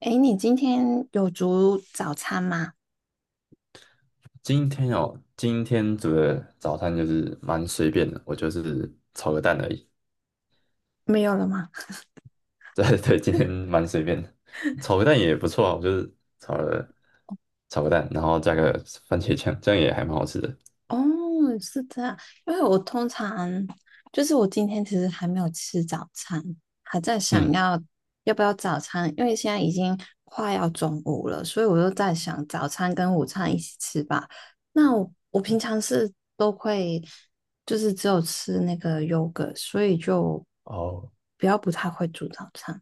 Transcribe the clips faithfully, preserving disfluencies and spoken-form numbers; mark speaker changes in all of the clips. Speaker 1: 哎，你今天有煮早餐吗？
Speaker 2: 今天哦，今天煮的早餐就是蛮随便的，我就是炒个蛋而已。
Speaker 1: 没有了吗？
Speaker 2: 对对，今天蛮随便的，炒个蛋也不错啊。我就是炒了炒个蛋，然后加个番茄酱，这样也还蛮好吃的。
Speaker 1: 哦，是这样，因为我通常就是我今天其实还没有吃早餐，还在想
Speaker 2: 嗯，
Speaker 1: 要要不要早餐，因为现在已经快要中午了，所以我就在想早餐跟午餐一起吃吧。那我我平常是都会就是只有吃那个 yogurt，所以就
Speaker 2: 哦，
Speaker 1: 比较不太会煮早餐。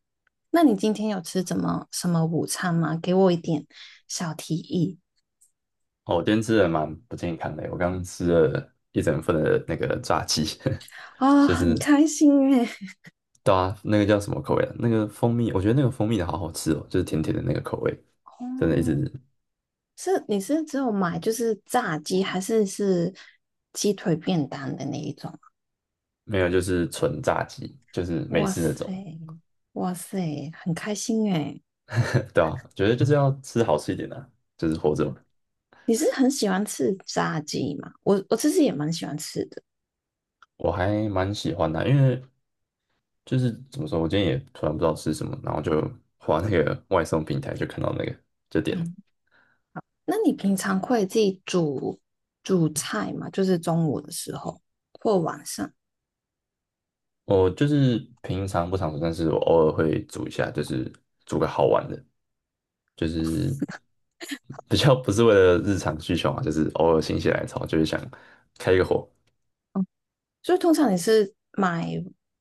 Speaker 1: 那你今天有吃怎么什么午餐吗？给我一点小提议。
Speaker 2: 哦，我今天吃的蛮不健康的，我刚刚吃了一整份的那个炸鸡，
Speaker 1: 啊、哦，
Speaker 2: 就
Speaker 1: 很
Speaker 2: 是
Speaker 1: 开心诶。
Speaker 2: 对啊，那个叫什么口味啊？那个蜂蜜，我觉得那个蜂蜜的好好吃哦，就是甜甜的那个口味，真的一
Speaker 1: 哦，
Speaker 2: 直
Speaker 1: 是你是只有买就是炸鸡，还是是鸡腿便当的那一种啊？
Speaker 2: 没有，就是纯炸鸡，就是美
Speaker 1: 哇
Speaker 2: 式那
Speaker 1: 塞，
Speaker 2: 种。
Speaker 1: 哇塞，很开心诶。
Speaker 2: 对啊，觉得就是要吃好吃一点的啊，就是活着
Speaker 1: 嗯，
Speaker 2: 嘛。
Speaker 1: 你是很喜欢吃炸鸡吗？我我其实也蛮喜欢吃的。
Speaker 2: 我还蛮喜欢的啊，因为就是怎么说，我今天也突然不知道吃什么，然后就滑那个外送平台，就看到那个就点了。
Speaker 1: 嗯，那你平常会自己煮煮菜吗？就是中午的时候或晚上？
Speaker 2: 我就是平常不常煮，但是我偶尔会煮一下，就是煮个好玩的，就是 比较不是为了日常需求嘛，就是偶尔心血来潮，就是想开一个火，
Speaker 1: 所以通常你是买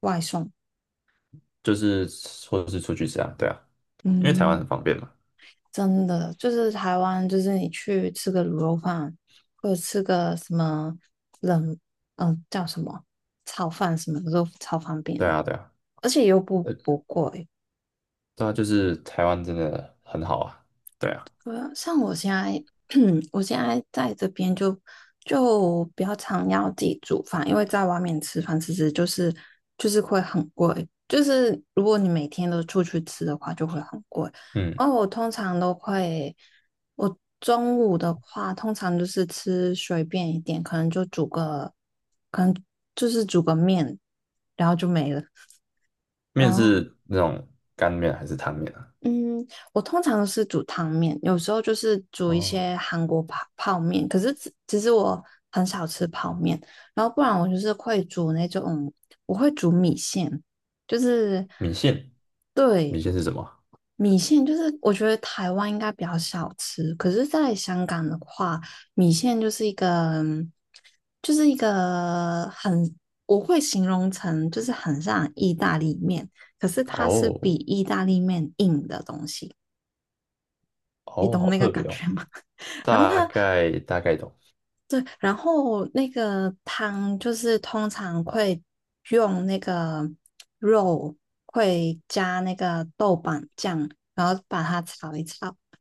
Speaker 1: 外送，
Speaker 2: 就是或者是出去吃啊，对啊，因为台湾很
Speaker 1: 嗯，
Speaker 2: 方便嘛。
Speaker 1: 真的就是台湾，就是你去吃个卤肉饭，或者吃个什么冷，嗯、叫什么炒饭什么的都超方便，
Speaker 2: 对啊，对啊，
Speaker 1: 而且又不
Speaker 2: 呃，
Speaker 1: 不贵。
Speaker 2: 对啊，就是台湾真的很好啊。对啊，
Speaker 1: 对啊，像我现在，我现在在这边就就比较常要自己煮饭，因为在外面吃饭其实就是就是会很贵，就是如果你每天都出去吃的话，就会很贵。
Speaker 2: 嗯，
Speaker 1: 然后我通常都会，我中午的话通常就是吃随便一点，可能就煮个，可能就是煮个面，然后就没了。
Speaker 2: 面
Speaker 1: 然后
Speaker 2: 是那种干面还是汤面啊？
Speaker 1: 嗯，我通常是煮汤面，有时候就是煮一
Speaker 2: 哦，
Speaker 1: 些韩国泡泡面。可是其其实我很少吃泡面，然后不然我就是会煮那种，我会煮米线，就是
Speaker 2: 米线，米
Speaker 1: 对。
Speaker 2: 线是什么？
Speaker 1: 米线，就是我觉得台湾应该比较少吃，可是在香港的话，米线就是一个，就是一个很，我会形容成就是很像意大利面，可是它是比
Speaker 2: 哦，
Speaker 1: 意大利面硬的东西。
Speaker 2: 哦，好特别哦，
Speaker 1: 然后
Speaker 2: 大
Speaker 1: 它
Speaker 2: 概大概懂，
Speaker 1: 对，然后那个汤就是通常会用那个肉，会加那个豆瓣酱，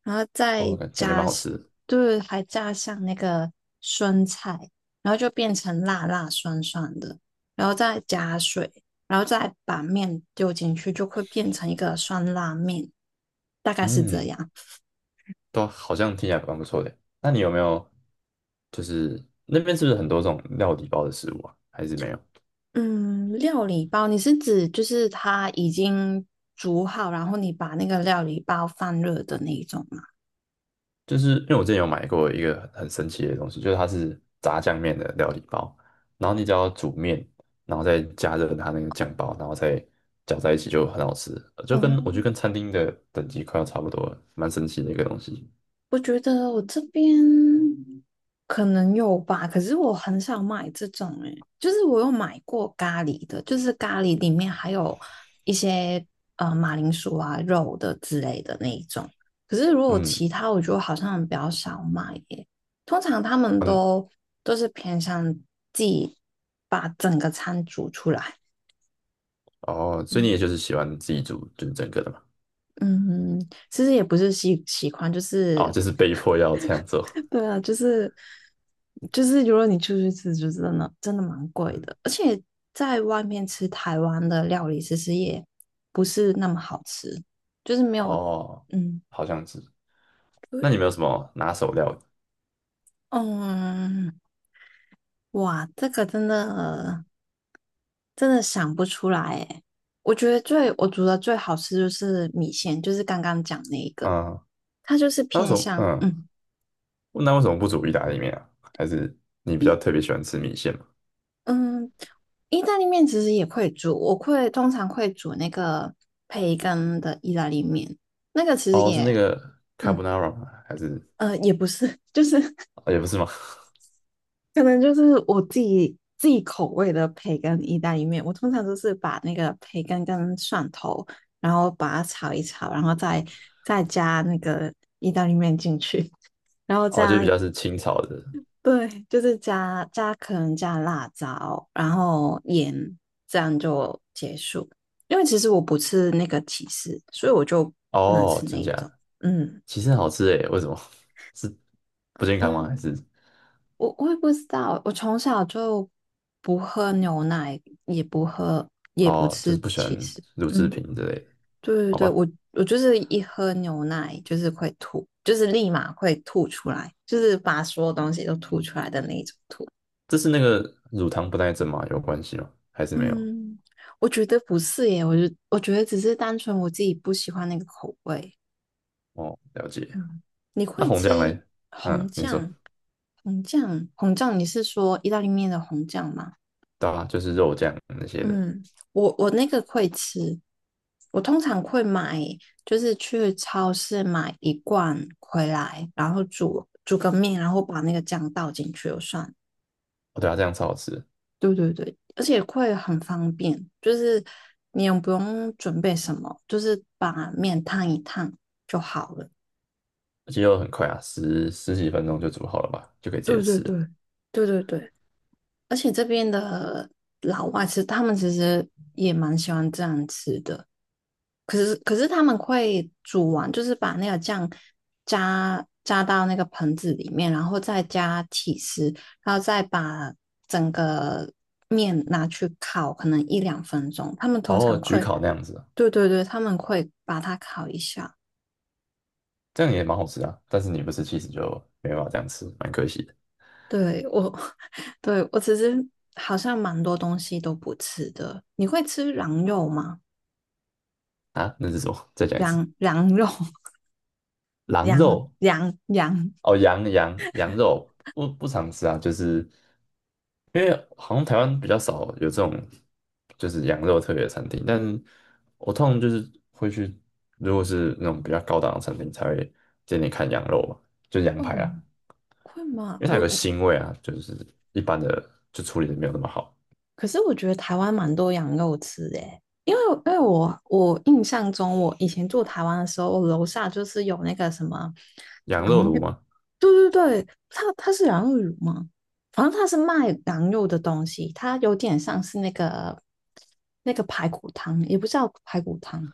Speaker 1: 然后
Speaker 2: 哦，
Speaker 1: 再
Speaker 2: 感感觉蛮
Speaker 1: 加
Speaker 2: 好吃的。
Speaker 1: 就是还加上那个酸菜，然后就变成辣辣酸酸的，然后再加水，然后再把面丢进去，就会变成一个酸辣面，大概是这
Speaker 2: 嗯，
Speaker 1: 样。
Speaker 2: 都好像听起来蛮不错的。那你有没有就是那边是不是很多这种料理包的食物啊？还是没有？
Speaker 1: 嗯，料理包，你是指就是它已经煮好，然后你把那个料理包放热的那一种吗？
Speaker 2: 就是因为我之前有买过一个很神奇的东西，就是它是炸酱面的料理包，然后你只要煮面，然后再加热它那个酱包，然后再搅在一起就很好吃，呃就跟
Speaker 1: 哦，
Speaker 2: 我觉得跟餐厅的等级快要差不多了，蛮神奇的一个东西。
Speaker 1: 我觉得我这边可能有吧，可是我很少买这种诶、就是我有买过咖喱的，就是咖喱里面还有一些呃马铃薯啊、肉的之类的那一种。可是如果其
Speaker 2: 嗯，
Speaker 1: 他，我觉得好像比较少买耶、通常他们
Speaker 2: 嗯，
Speaker 1: 都都是偏向自己把整个餐煮出来。
Speaker 2: 哦，所以你
Speaker 1: 嗯
Speaker 2: 也就是喜欢自己煮就是整个的嘛？
Speaker 1: 嗯，嗯其实也不是喜习惯，就
Speaker 2: 哦，
Speaker 1: 是
Speaker 2: 就是被迫要这样做。
Speaker 1: 对啊，就是就是，如果你出去吃，就真的真的蛮贵
Speaker 2: 嗯，
Speaker 1: 的，而且在外面吃台湾的料理，其实也不是那么好吃，就是没有，
Speaker 2: 哦，
Speaker 1: 嗯，
Speaker 2: 好像是。
Speaker 1: 对，
Speaker 2: 那你们有什么拿手料理？
Speaker 1: 嗯，哇，这个真的真的想不出来诶。我觉得最我煮的最好吃就是米线，就是刚刚讲那一个，
Speaker 2: 嗯，
Speaker 1: 它就是
Speaker 2: 那为什
Speaker 1: 偏
Speaker 2: 么？
Speaker 1: 向
Speaker 2: 嗯，
Speaker 1: 嗯。
Speaker 2: 那为什么不煮意大利面啊？还是你比较
Speaker 1: 一。
Speaker 2: 特别喜欢吃米线吗？
Speaker 1: 嗯，意大利面其实也会煮，我会通常会煮那个培根的意大利面，那个其实
Speaker 2: 哦，是那
Speaker 1: 也，
Speaker 2: 个
Speaker 1: 嗯
Speaker 2: carbonara 吗？还是
Speaker 1: 呃，也不是，就是
Speaker 2: 哦也不是吗？
Speaker 1: 可能就是我自己自己口味的培根意大利面，我通常都是把那个培根跟蒜头，然后把它炒一炒，然后再再加那个意大利面进去，然后
Speaker 2: 哦，就比
Speaker 1: 样。
Speaker 2: 较是清炒的。
Speaker 1: 对，就是加加可能加辣椒，然后盐，这样就结束。因为其实我不吃那个起司，所以我就不能
Speaker 2: 哦，
Speaker 1: 吃那
Speaker 2: 真
Speaker 1: 一
Speaker 2: 假
Speaker 1: 种。
Speaker 2: 的？
Speaker 1: 嗯，
Speaker 2: 其实很好吃诶，为什么？是不健康吗？还
Speaker 1: 嗯，
Speaker 2: 是
Speaker 1: 我我也不知道，我从小就不喝牛奶，也不喝，也不
Speaker 2: 哦，就
Speaker 1: 吃
Speaker 2: 是不喜欢
Speaker 1: 起司。
Speaker 2: 乳制
Speaker 1: 嗯，
Speaker 2: 品之类的？
Speaker 1: 对对
Speaker 2: 好
Speaker 1: 对，
Speaker 2: 吧，
Speaker 1: 我我就是一喝牛奶就是会吐，就是立马会吐出来，就是把所有东西都吐出来的那一种吐。
Speaker 2: 这是那个乳糖不耐症吗？有关系吗？还是没有？
Speaker 1: 嗯，我觉得不是耶，我觉我觉得只是单纯我自己不喜欢那个口味。
Speaker 2: 哦，了解。
Speaker 1: 嗯，你
Speaker 2: 那
Speaker 1: 会
Speaker 2: 红酱嘞？
Speaker 1: 吃红
Speaker 2: 嗯，你说，
Speaker 1: 酱？红酱，红酱，你是说意大利面的红酱吗？
Speaker 2: 对啊，就是肉酱那些的。
Speaker 1: 嗯，我我那个会吃，我通常会买，就是去超市买一罐回来，然后煮煮个面，然后把那个酱倒进去就算。
Speaker 2: 哦，对啊，这样超好吃。
Speaker 1: 对对对，而且会很方便，就是你也不用准备什么，就是把面烫一烫就好了。
Speaker 2: 鸡肉很快啊，十十几分钟就煮好了吧，就可以直接
Speaker 1: 对对
Speaker 2: 吃，
Speaker 1: 对，对对对，而且这边的老外吃，他们其实也蛮喜欢这样吃的。可是可是他们会煮完，就是把那个酱加加到那个盆子里面，然后再加起司，然后再把整个面拿去烤，可能一两分钟。他们通
Speaker 2: 然后
Speaker 1: 常
Speaker 2: 焗
Speaker 1: 会。
Speaker 2: 烤那样子啊，
Speaker 1: 对对对，他们会把它烤一下。
Speaker 2: 这样也蛮好吃啊。但是你不吃其实就没办法这样吃，蛮可惜的
Speaker 1: 对我，对我其实好像蛮多东西都不吃的。你会吃羊肉吗？
Speaker 2: 啊。那是什么？再讲一次，
Speaker 1: 羊羊肉，
Speaker 2: 狼
Speaker 1: 羊
Speaker 2: 肉
Speaker 1: 羊羊，
Speaker 2: 哦，羊羊羊肉不不常吃啊，就是因为好像台湾比较少有这种就是羊肉特别的餐厅，但是我通常就是会去，如果是那种比较高档的餐厅才会点点看羊肉嘛，就羊
Speaker 1: 会
Speaker 2: 排啊。
Speaker 1: 吗会吗？
Speaker 2: 因为它有
Speaker 1: 我
Speaker 2: 个
Speaker 1: 我，
Speaker 2: 腥味啊，就是一般的就处理的没有那么好。
Speaker 1: 可是我觉得台湾蛮多羊肉吃的耶，因为因为我我印象中，我以前住台湾的时候，我楼下就是有那个什么
Speaker 2: 羊肉炉吗？
Speaker 1: 对对对，它它是羊肉乳吗？反正它是卖羊肉的东西，它有点像是那个那个排骨汤，也不叫排骨汤。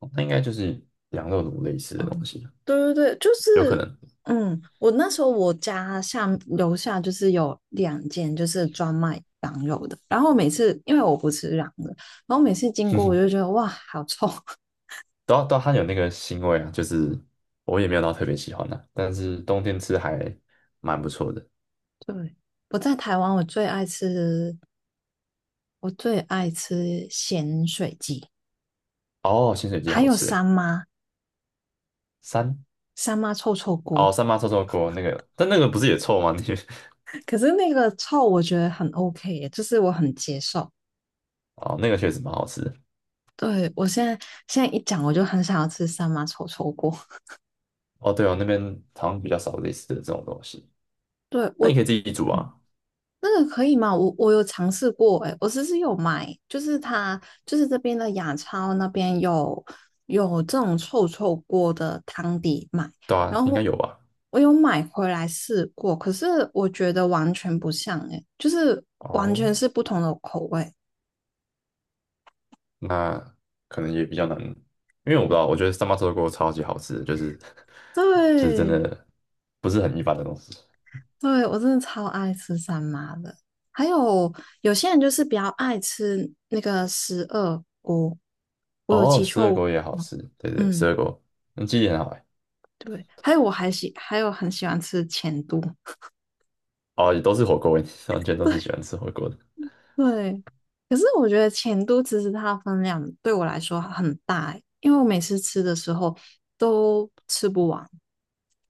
Speaker 2: 哦，那应该就是羊肉炉类似的
Speaker 1: 哦，
Speaker 2: 东西，
Speaker 1: 对对对，就
Speaker 2: 有可
Speaker 1: 是
Speaker 2: 能。
Speaker 1: 嗯，我那时候我家下楼下就是有两间就是专卖羊肉的，然后每次因为我不吃羊的，然后每次经过我就 觉得哇，好臭。
Speaker 2: 都都它有那个腥味啊，就是我也没有到特别喜欢的、但是冬天吃还蛮不错的。
Speaker 1: 对，我在台湾我最爱吃我最爱吃咸水鸡，
Speaker 2: 哦，鲜水鸡
Speaker 1: 还
Speaker 2: 好
Speaker 1: 有
Speaker 2: 吃
Speaker 1: 三
Speaker 2: 诶，
Speaker 1: 妈。
Speaker 2: 三
Speaker 1: 三妈臭臭
Speaker 2: 哦
Speaker 1: 锅，
Speaker 2: 三妈臭臭锅那个，但那个不是也臭吗？那个
Speaker 1: 可是那个臭我觉得很 OK耶，就是我很接受。
Speaker 2: 哦那个确实蛮好吃的，
Speaker 1: 对，我现在现在一讲我就很想要吃三妈臭臭锅。
Speaker 2: 哦对哦，那边好像比较少类似的这种东西，
Speaker 1: 对
Speaker 2: 那
Speaker 1: 我，
Speaker 2: 你
Speaker 1: 嗯
Speaker 2: 可以自己煮啊，
Speaker 1: 那个可以吗？我我有尝试过，欸哎，我其实有买，就是它就是这边的雅超那边有有这种臭臭锅的汤底买，
Speaker 2: 对啊，
Speaker 1: 然
Speaker 2: 应该
Speaker 1: 后
Speaker 2: 有吧？
Speaker 1: 我有买回来试过，可是我觉得完全不像，欸哎，就是完
Speaker 2: 哦，
Speaker 1: 全是不同的口味。
Speaker 2: 那可能也比较难，因为我不知道，我觉得三八臭豆锅超级好吃就是 就是真
Speaker 1: 对，
Speaker 2: 的不是很一般的东西。
Speaker 1: 对，我真的超爱吃三妈的。还有有些人就是比较爱吃那个十二锅，我有
Speaker 2: 哦，
Speaker 1: 记
Speaker 2: 十二
Speaker 1: 错
Speaker 2: 锅也好
Speaker 1: 吗？
Speaker 2: 吃，对对，十
Speaker 1: 嗯，
Speaker 2: 二锅，嗯，记忆很好哎。
Speaker 1: 对。还有我还喜，还有很喜欢吃钱都。
Speaker 2: 哦，也都是火锅味，完全都是喜欢吃火锅的。
Speaker 1: 对，可是我觉得钱都其实它的分量对我来说很大欸，因为我每次吃的时候都吃不完。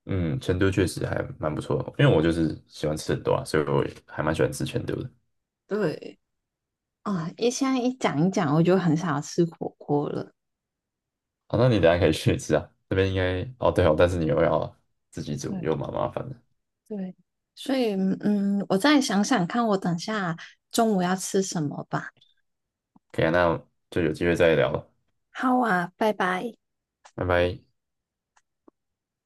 Speaker 2: 嗯，成都确实还蛮不错的，因为我就是喜欢吃很多啊，所以我也还蛮喜欢吃成都的。
Speaker 1: 对，啊，一现在一讲一讲，我就很想要吃火锅了。
Speaker 2: 好，那你等一下可以去吃啊，这边应该哦对哦，但是你又要自己煮，
Speaker 1: 对。
Speaker 2: 又蛮麻烦的。
Speaker 1: 对，所以嗯，我再想想看，我等下中午要吃什么吧。
Speaker 2: 可以啊，那就有机会再聊了，
Speaker 1: 好啊，拜拜。
Speaker 2: 拜拜。